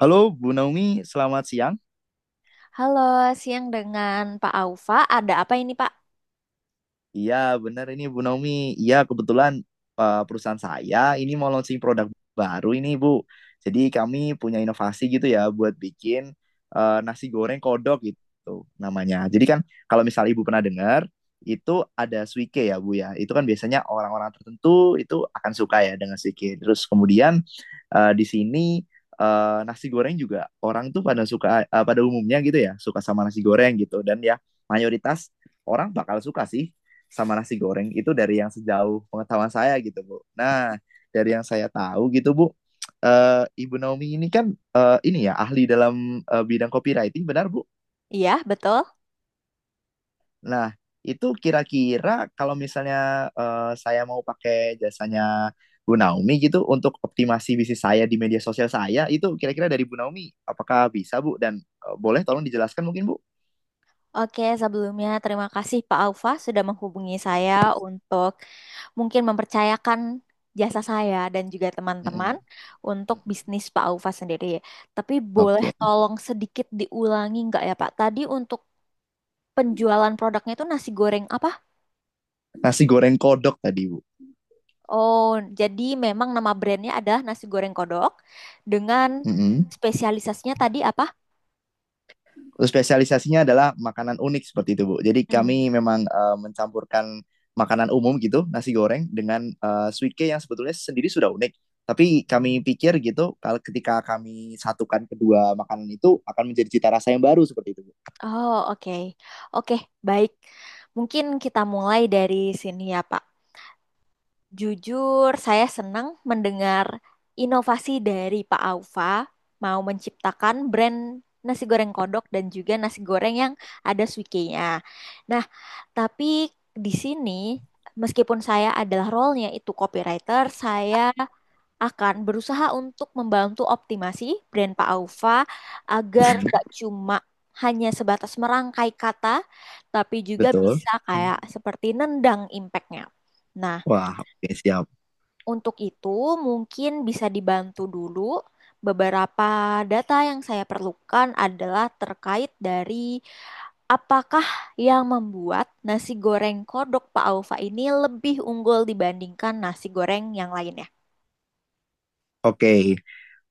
Halo Bu Naomi, selamat siang. Halo, siang dengan Pak Aufa. Ada apa ini, Pak? Iya, benar ini Bu Naomi. Iya, kebetulan perusahaan saya ini mau launching produk baru ini, Bu. Jadi kami punya inovasi gitu ya buat bikin nasi goreng kodok gitu namanya. Jadi kan kalau misal Ibu pernah dengar, itu ada suike ya, Bu ya. Itu kan biasanya orang-orang tertentu itu akan suka ya dengan suike. Terus kemudian di sini nasi goreng juga orang tuh pada suka pada umumnya gitu ya, suka sama nasi goreng gitu, dan ya mayoritas orang bakal suka sih sama nasi goreng itu dari yang sejauh pengetahuan saya gitu, Bu. Nah, dari yang saya tahu gitu, Bu, Ibu Naomi ini kan ini ya ahli dalam bidang copywriting, benar Bu? Iya, betul. Nah, itu kira-kira kalau misalnya saya mau pakai jasanya Bu Naomi gitu untuk optimasi bisnis saya di media sosial saya itu kira-kira dari Bu Naomi, apakah bisa, Bu? Dan boleh tolong dijelaskan mungkin, Bu? Oke, sebelumnya terima kasih Pak Aufa sudah menghubungi saya untuk mungkin mempercayakan jasa saya dan juga teman-teman Mm-mm. untuk Mm-mm. bisnis Pak Aufa sendiri. Tapi boleh Oke, tolong sedikit diulangi nggak ya, Pak? Tadi untuk penjualan produknya itu nasi goreng apa? nasi goreng kodok tadi, Bu. Oh, jadi memang nama brandnya adalah nasi goreng kodok dengan Mm-mm. spesialisasinya tadi apa? Spesialisasinya adalah makanan unik seperti itu, Bu. Jadi Hmm. kami memang mencampurkan makanan umum gitu, nasi goreng dengan suike yang sebetulnya sendiri sudah unik. Tapi kami pikir gitu, kalau ketika kami satukan kedua makanan itu akan menjadi cita rasa yang baru seperti itu, Bu. Oh, oke. Oke, baik. Mungkin kita mulai dari sini ya, Pak. Jujur, saya senang mendengar inovasi dari Pak Aufa mau menciptakan brand nasi goreng kodok dan juga nasi goreng yang ada suikenya. Nah, tapi di sini meskipun saya adalah role-nya itu copywriter, saya akan berusaha untuk membantu optimasi brand Pak Aufa agar nggak cuma hanya sebatas merangkai kata, tapi juga Betul. bisa kayak seperti nendang impactnya. Nah, Wah, oke siap. untuk itu mungkin bisa dibantu dulu beberapa data yang saya perlukan adalah terkait dari apakah yang membuat nasi goreng kodok Pak Aufa ini lebih unggul dibandingkan nasi goreng yang lainnya. Oke,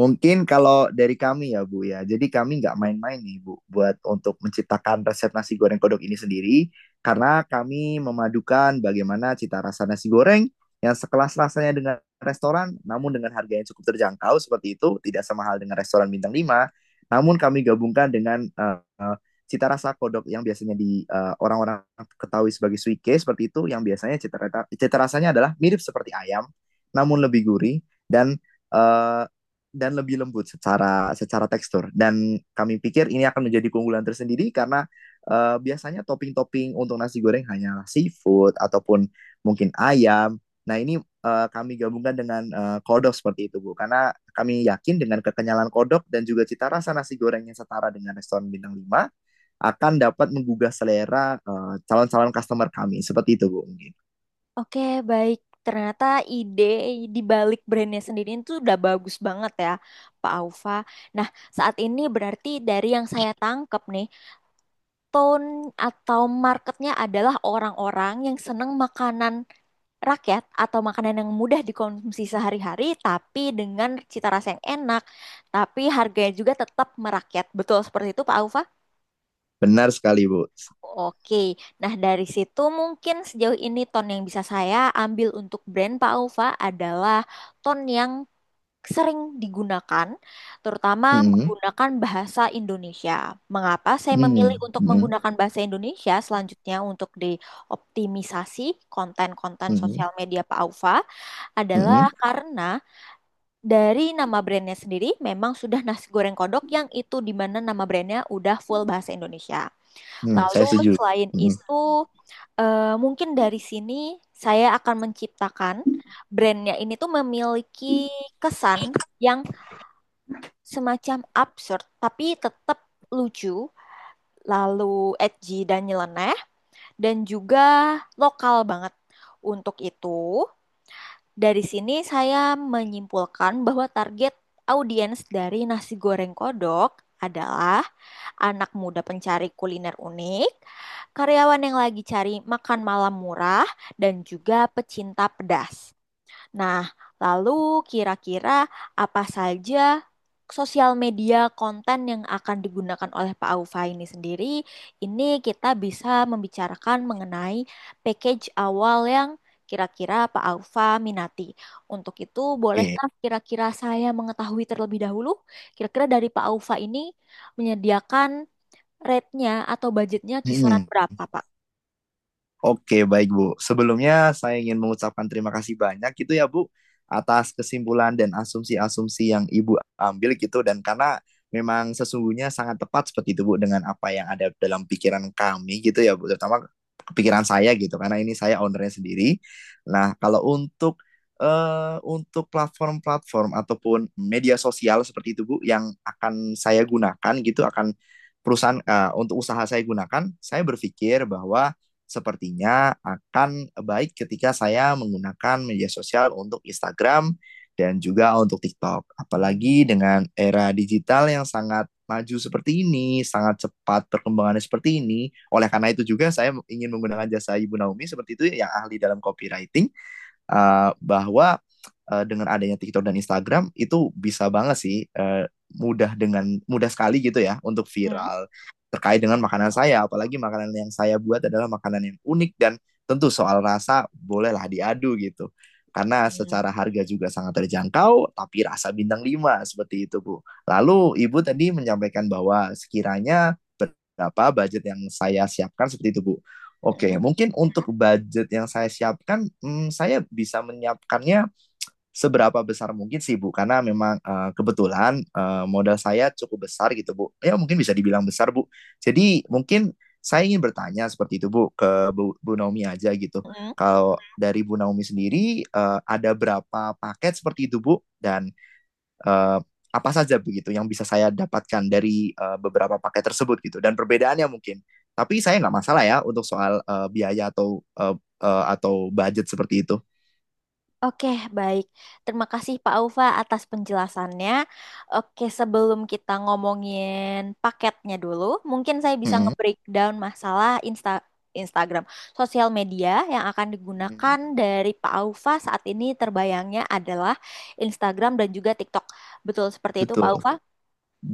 mungkin kalau dari kami ya Bu ya, jadi kami nggak main-main nih Bu buat untuk menciptakan resep nasi goreng kodok ini sendiri karena kami memadukan bagaimana cita rasa nasi goreng yang sekelas rasanya dengan restoran namun dengan harga yang cukup terjangkau seperti itu, tidak sama hal dengan restoran bintang lima, namun kami gabungkan dengan cita rasa kodok yang biasanya di orang-orang ketahui sebagai suike seperti itu, yang biasanya cita rasanya adalah mirip seperti ayam namun lebih gurih dan eh, dan lebih lembut secara secara tekstur. Dan kami pikir ini akan menjadi keunggulan tersendiri karena biasanya topping-topping untuk nasi goreng hanya seafood ataupun mungkin ayam. Nah, ini kami gabungkan dengan kodok seperti itu, Bu. Karena kami yakin dengan kekenyalan kodok dan juga cita rasa nasi goreng yang setara dengan restoran bintang 5 akan dapat menggugah selera calon-calon customer kami. Seperti itu, Bu, mungkin. Oke, baik. Ternyata ide di balik brandnya sendiri itu udah bagus banget ya, Pak Aufa. Nah, saat ini berarti dari yang saya tangkap nih, tone atau marketnya adalah orang-orang yang seneng makanan rakyat atau makanan yang mudah dikonsumsi sehari-hari, tapi dengan cita rasa yang enak, tapi harganya juga tetap merakyat. Betul seperti itu, Pak Aufa? Benar sekali, Bu. Oke, nah dari situ mungkin sejauh ini tone yang bisa saya ambil untuk brand Pak Alfa adalah tone yang sering digunakan, terutama Hmm, menggunakan bahasa Indonesia. Mengapa saya memilih hmm, untuk hmm, menggunakan bahasa Indonesia selanjutnya untuk dioptimisasi konten-konten hmm, hmm, sosial media Pak Alfa hmm. Hmm. adalah karena dari nama brandnya sendiri memang sudah nasi goreng kodok yang itu di mana nama brandnya udah full bahasa Indonesia. Hmm, saya Lalu setuju. selain Hmm. itu, mungkin dari sini saya akan menciptakan brandnya ini tuh memiliki kesan yang semacam absurd, tapi tetap lucu, lalu edgy dan nyeleneh, dan juga lokal banget. Untuk itu, dari sini saya menyimpulkan bahwa target audiens dari nasi goreng kodok adalah anak muda pencari kuliner unik, karyawan yang lagi cari makan malam murah, dan juga pecinta pedas. Nah, lalu kira-kira apa saja sosial media konten yang akan digunakan oleh Pak Aufa ini sendiri? Ini kita bisa membicarakan mengenai package awal yang kira-kira Pak Aufa minati. Untuk itu, Oke, bolehkah kira-kira saya mengetahui terlebih dahulu, kira-kira dari Pak Aufa ini menyediakan Rate-nya atau budgetnya kisaran mhm. berapa, Pak? Oke, baik, Bu. Sebelumnya saya ingin mengucapkan terima kasih banyak gitu ya Bu atas kesimpulan dan asumsi-asumsi yang Ibu ambil gitu, dan karena memang sesungguhnya sangat tepat seperti itu Bu dengan apa yang ada dalam pikiran kami gitu ya Bu, terutama pikiran saya gitu karena ini saya ownernya sendiri. Nah, kalau untuk platform-platform ataupun media sosial seperti itu Bu yang akan saya gunakan gitu, akan perusahaan untuk usaha saya gunakan, saya berpikir bahwa sepertinya akan baik ketika saya menggunakan media sosial untuk Instagram dan juga untuk TikTok. Apalagi dengan era digital yang sangat maju seperti ini, sangat cepat perkembangannya seperti ini. Oleh karena itu juga saya ingin menggunakan jasa Ibu Naomi seperti itu yang ahli dalam copywriting, bahwa dengan adanya TikTok dan Instagram itu bisa banget sih, mudah, dengan mudah sekali gitu ya untuk Hmm. viral terkait dengan makanan saya, apalagi makanan yang saya buat adalah makanan yang unik dan tentu soal rasa bolehlah diadu gitu karena Hmm. secara harga juga sangat terjangkau, tapi rasa bintang 5 seperti itu, Bu. Lalu Ibu tadi menyampaikan bahwa sekiranya berapa budget yang saya siapkan seperti itu, Bu. Hmm. Oke, mungkin untuk budget yang saya siapkan, saya bisa menyiapkannya seberapa besar mungkin sih Bu, karena memang kebetulan modal saya cukup besar gitu, Bu. Ya mungkin bisa dibilang besar, Bu. Jadi mungkin saya ingin bertanya seperti itu Bu ke Bu Naomi aja gitu. Hmm. Kalau dari Bu Naomi sendiri ada berapa paket seperti itu, Bu? Dan eh, apa saja begitu yang bisa saya dapatkan dari beberapa paket tersebut gitu dan perbedaannya mungkin, tapi saya nggak masalah ya untuk soal biaya eh, atau budget seperti itu. Oke, baik. Terima kasih Pak Ufa atas penjelasannya. Oke, sebelum kita ngomongin paketnya dulu, mungkin saya bisa Mm-mm. nge-breakdown masalah Instagram, sosial media yang akan digunakan Mm-mm. dari Pak Ufa saat ini terbayangnya adalah Instagram dan juga TikTok. Betul seperti itu, Pak Betul Ufa?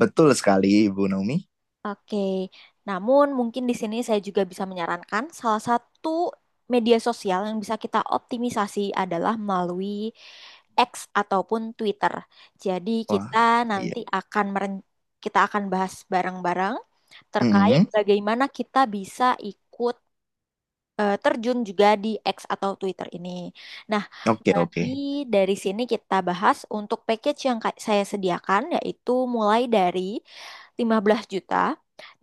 betul sekali, Ibu Naomi. Oke, namun mungkin di sini saya juga bisa menyarankan salah satu media sosial yang bisa kita optimisasi adalah melalui X ataupun Twitter. Jadi Wah, kita iya. nanti akan meren- kita akan bahas bareng-bareng terkait Mm-mm. bagaimana kita bisa ikut terjun juga di X atau Twitter ini. Nah, Oke, oke, mari dari sini kita bahas untuk package yang saya sediakan yaitu mulai dari 15 juta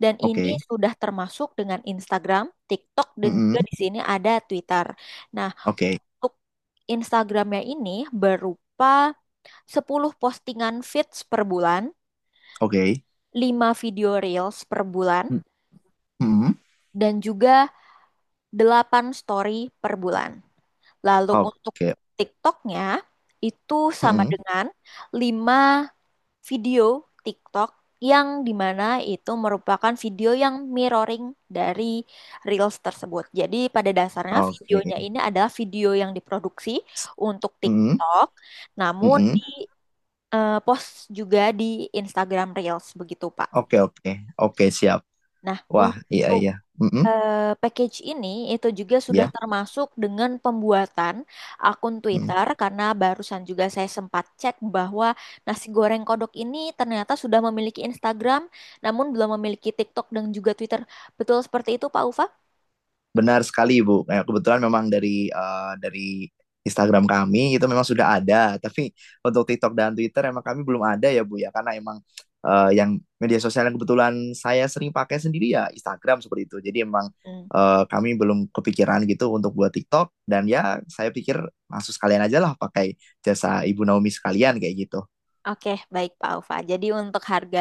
dan ini oke. sudah termasuk dengan Instagram, TikTok dan Mm-mm. juga di sini ada Twitter. Nah, Oke, untuk Instagramnya ini berupa 10 postingan feeds per bulan, oke. 5 video reels per bulan Mm-mm. dan juga 8 story per bulan. Lalu untuk Oke. TikToknya itu sama Mm-mm. dengan 5 video TikTok yang dimana itu merupakan video yang mirroring dari Reels tersebut. Jadi pada dasarnya videonya Oke. ini adalah video yang diproduksi untuk Mm-mm. TikTok, namun di Mm-mm. Post juga di Instagram Reels begitu, Pak. Oke, oke, oke, siap. Nah, Wah, iya, untuk iya. Mm-mm. Package ini itu juga sudah Ya. termasuk dengan pembuatan akun Twitter karena barusan juga saya sempat cek bahwa nasi goreng kodok ini ternyata sudah memiliki Instagram namun belum memiliki TikTok dan juga Twitter. Betul seperti itu, Pak Ufa? Benar sekali, Ibu. Kayak kebetulan memang dari dari Instagram kami itu memang sudah ada, tapi untuk TikTok dan Twitter emang kami belum ada ya Bu ya, karena emang yang media sosial yang kebetulan saya sering pakai sendiri ya Instagram seperti itu. Jadi emang Hmm. Kami belum kepikiran gitu untuk buat TikTok, dan ya saya pikir langsung sekalian aja lah pakai jasa Ibu Naomi sekalian kayak gitu. Oke, baik Pak Ufa. Jadi untuk harga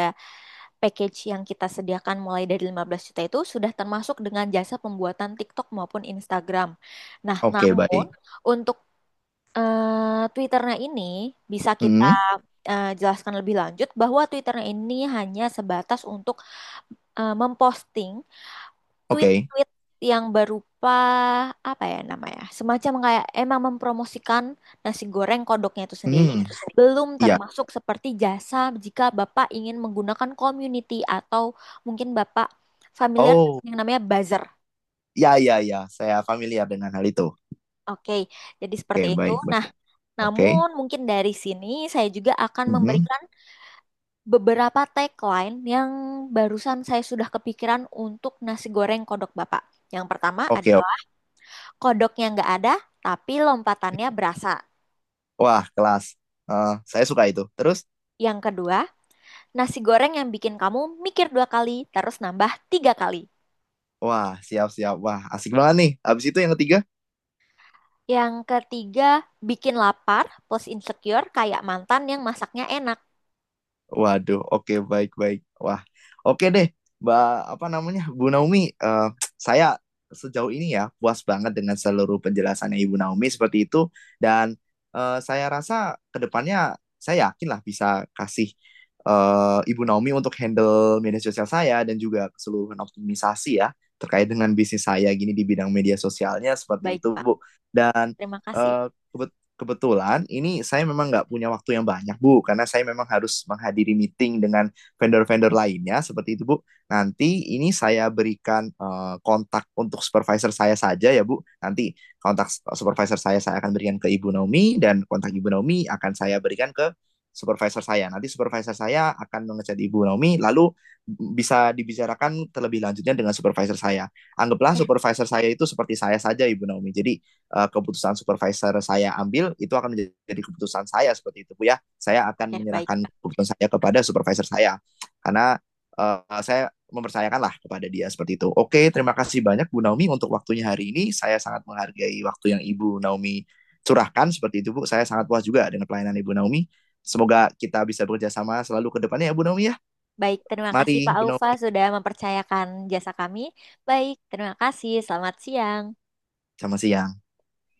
package yang kita sediakan mulai dari 15 juta itu sudah termasuk dengan jasa pembuatan TikTok maupun Instagram. Nah, Oke, namun baik. untuk eh Twitternya ini bisa kita Hmm, jelaskan lebih lanjut bahwa Twitternya ini hanya sebatas untuk memposting oke. tweet-tweet yang berupa apa ya namanya, semacam kayak emang mempromosikan nasi goreng kodoknya itu sendiri, Hmm, belum iya. termasuk seperti jasa jika Bapak ingin menggunakan community atau mungkin Bapak familiar Oh, yang namanya buzzer. ya, ya, ya, saya familiar dengan hal itu. Oke, jadi Oke, seperti itu. baik, baik. Nah, Oke. namun mungkin dari sini saya juga akan Mhm. memberikan beberapa tagline yang barusan saya sudah kepikiran untuk nasi goreng kodok Bapak. Yang pertama Oke, oke. adalah kodoknya nggak ada, tapi lompatannya berasa. Wah, kelas. Eh, saya suka itu. Terus, Yang kedua, nasi goreng yang bikin kamu mikir dua kali, terus nambah tiga kali. wah, siap-siap. Wah, asik banget nih. Habis itu yang ketiga. Yang ketiga, bikin lapar plus insecure kayak mantan yang masaknya enak. Waduh, oke, baik-baik. Wah, oke deh, Mbak, apa namanya, Bu Naomi. Saya sejauh ini ya puas banget dengan seluruh penjelasannya Ibu Naomi seperti itu. Dan saya rasa kedepannya saya yakin lah bisa kasih Ibu Naomi untuk handle media sosial saya dan juga keseluruhan optimisasi ya terkait dengan bisnis saya gini di bidang media sosialnya seperti Baik, itu, Pak. Bu. Dan Terima kasih. eh, kebet- kebetulan ini saya memang nggak punya waktu yang banyak Bu karena saya memang harus menghadiri meeting dengan vendor-vendor lainnya seperti itu, Bu. Nanti ini saya berikan kontak untuk supervisor saya saja ya Bu. Nanti kontak supervisor saya akan berikan ke Ibu Naomi, dan kontak Ibu Naomi akan saya berikan ke supervisor saya. Nanti supervisor saya akan mengechat Ibu Naomi, lalu bisa dibicarakan terlebih lanjutnya dengan supervisor saya. Anggaplah Ya, supervisor saya itu seperti saya saja, Ibu Naomi. Jadi keputusan supervisor saya ambil itu akan menjadi keputusan saya seperti itu, Bu. Ya, saya akan ya, baik. menyerahkan keputusan saya kepada supervisor saya karena saya mempercayakanlah kepada dia seperti itu. Oke, terima kasih banyak Bu Naomi untuk waktunya hari ini. Saya sangat menghargai waktu yang Ibu Naomi curahkan seperti itu, Bu. Saya sangat puas juga dengan pelayanan Ibu Naomi. Semoga kita bisa bekerja sama selalu ke depannya ya Bu Naomi ya. Baik, terima kasih Pak Mari, Bu Aufa Naomi. sudah mempercayakan jasa kami. Baik, terima kasih. Selamat siang. Selamat siang.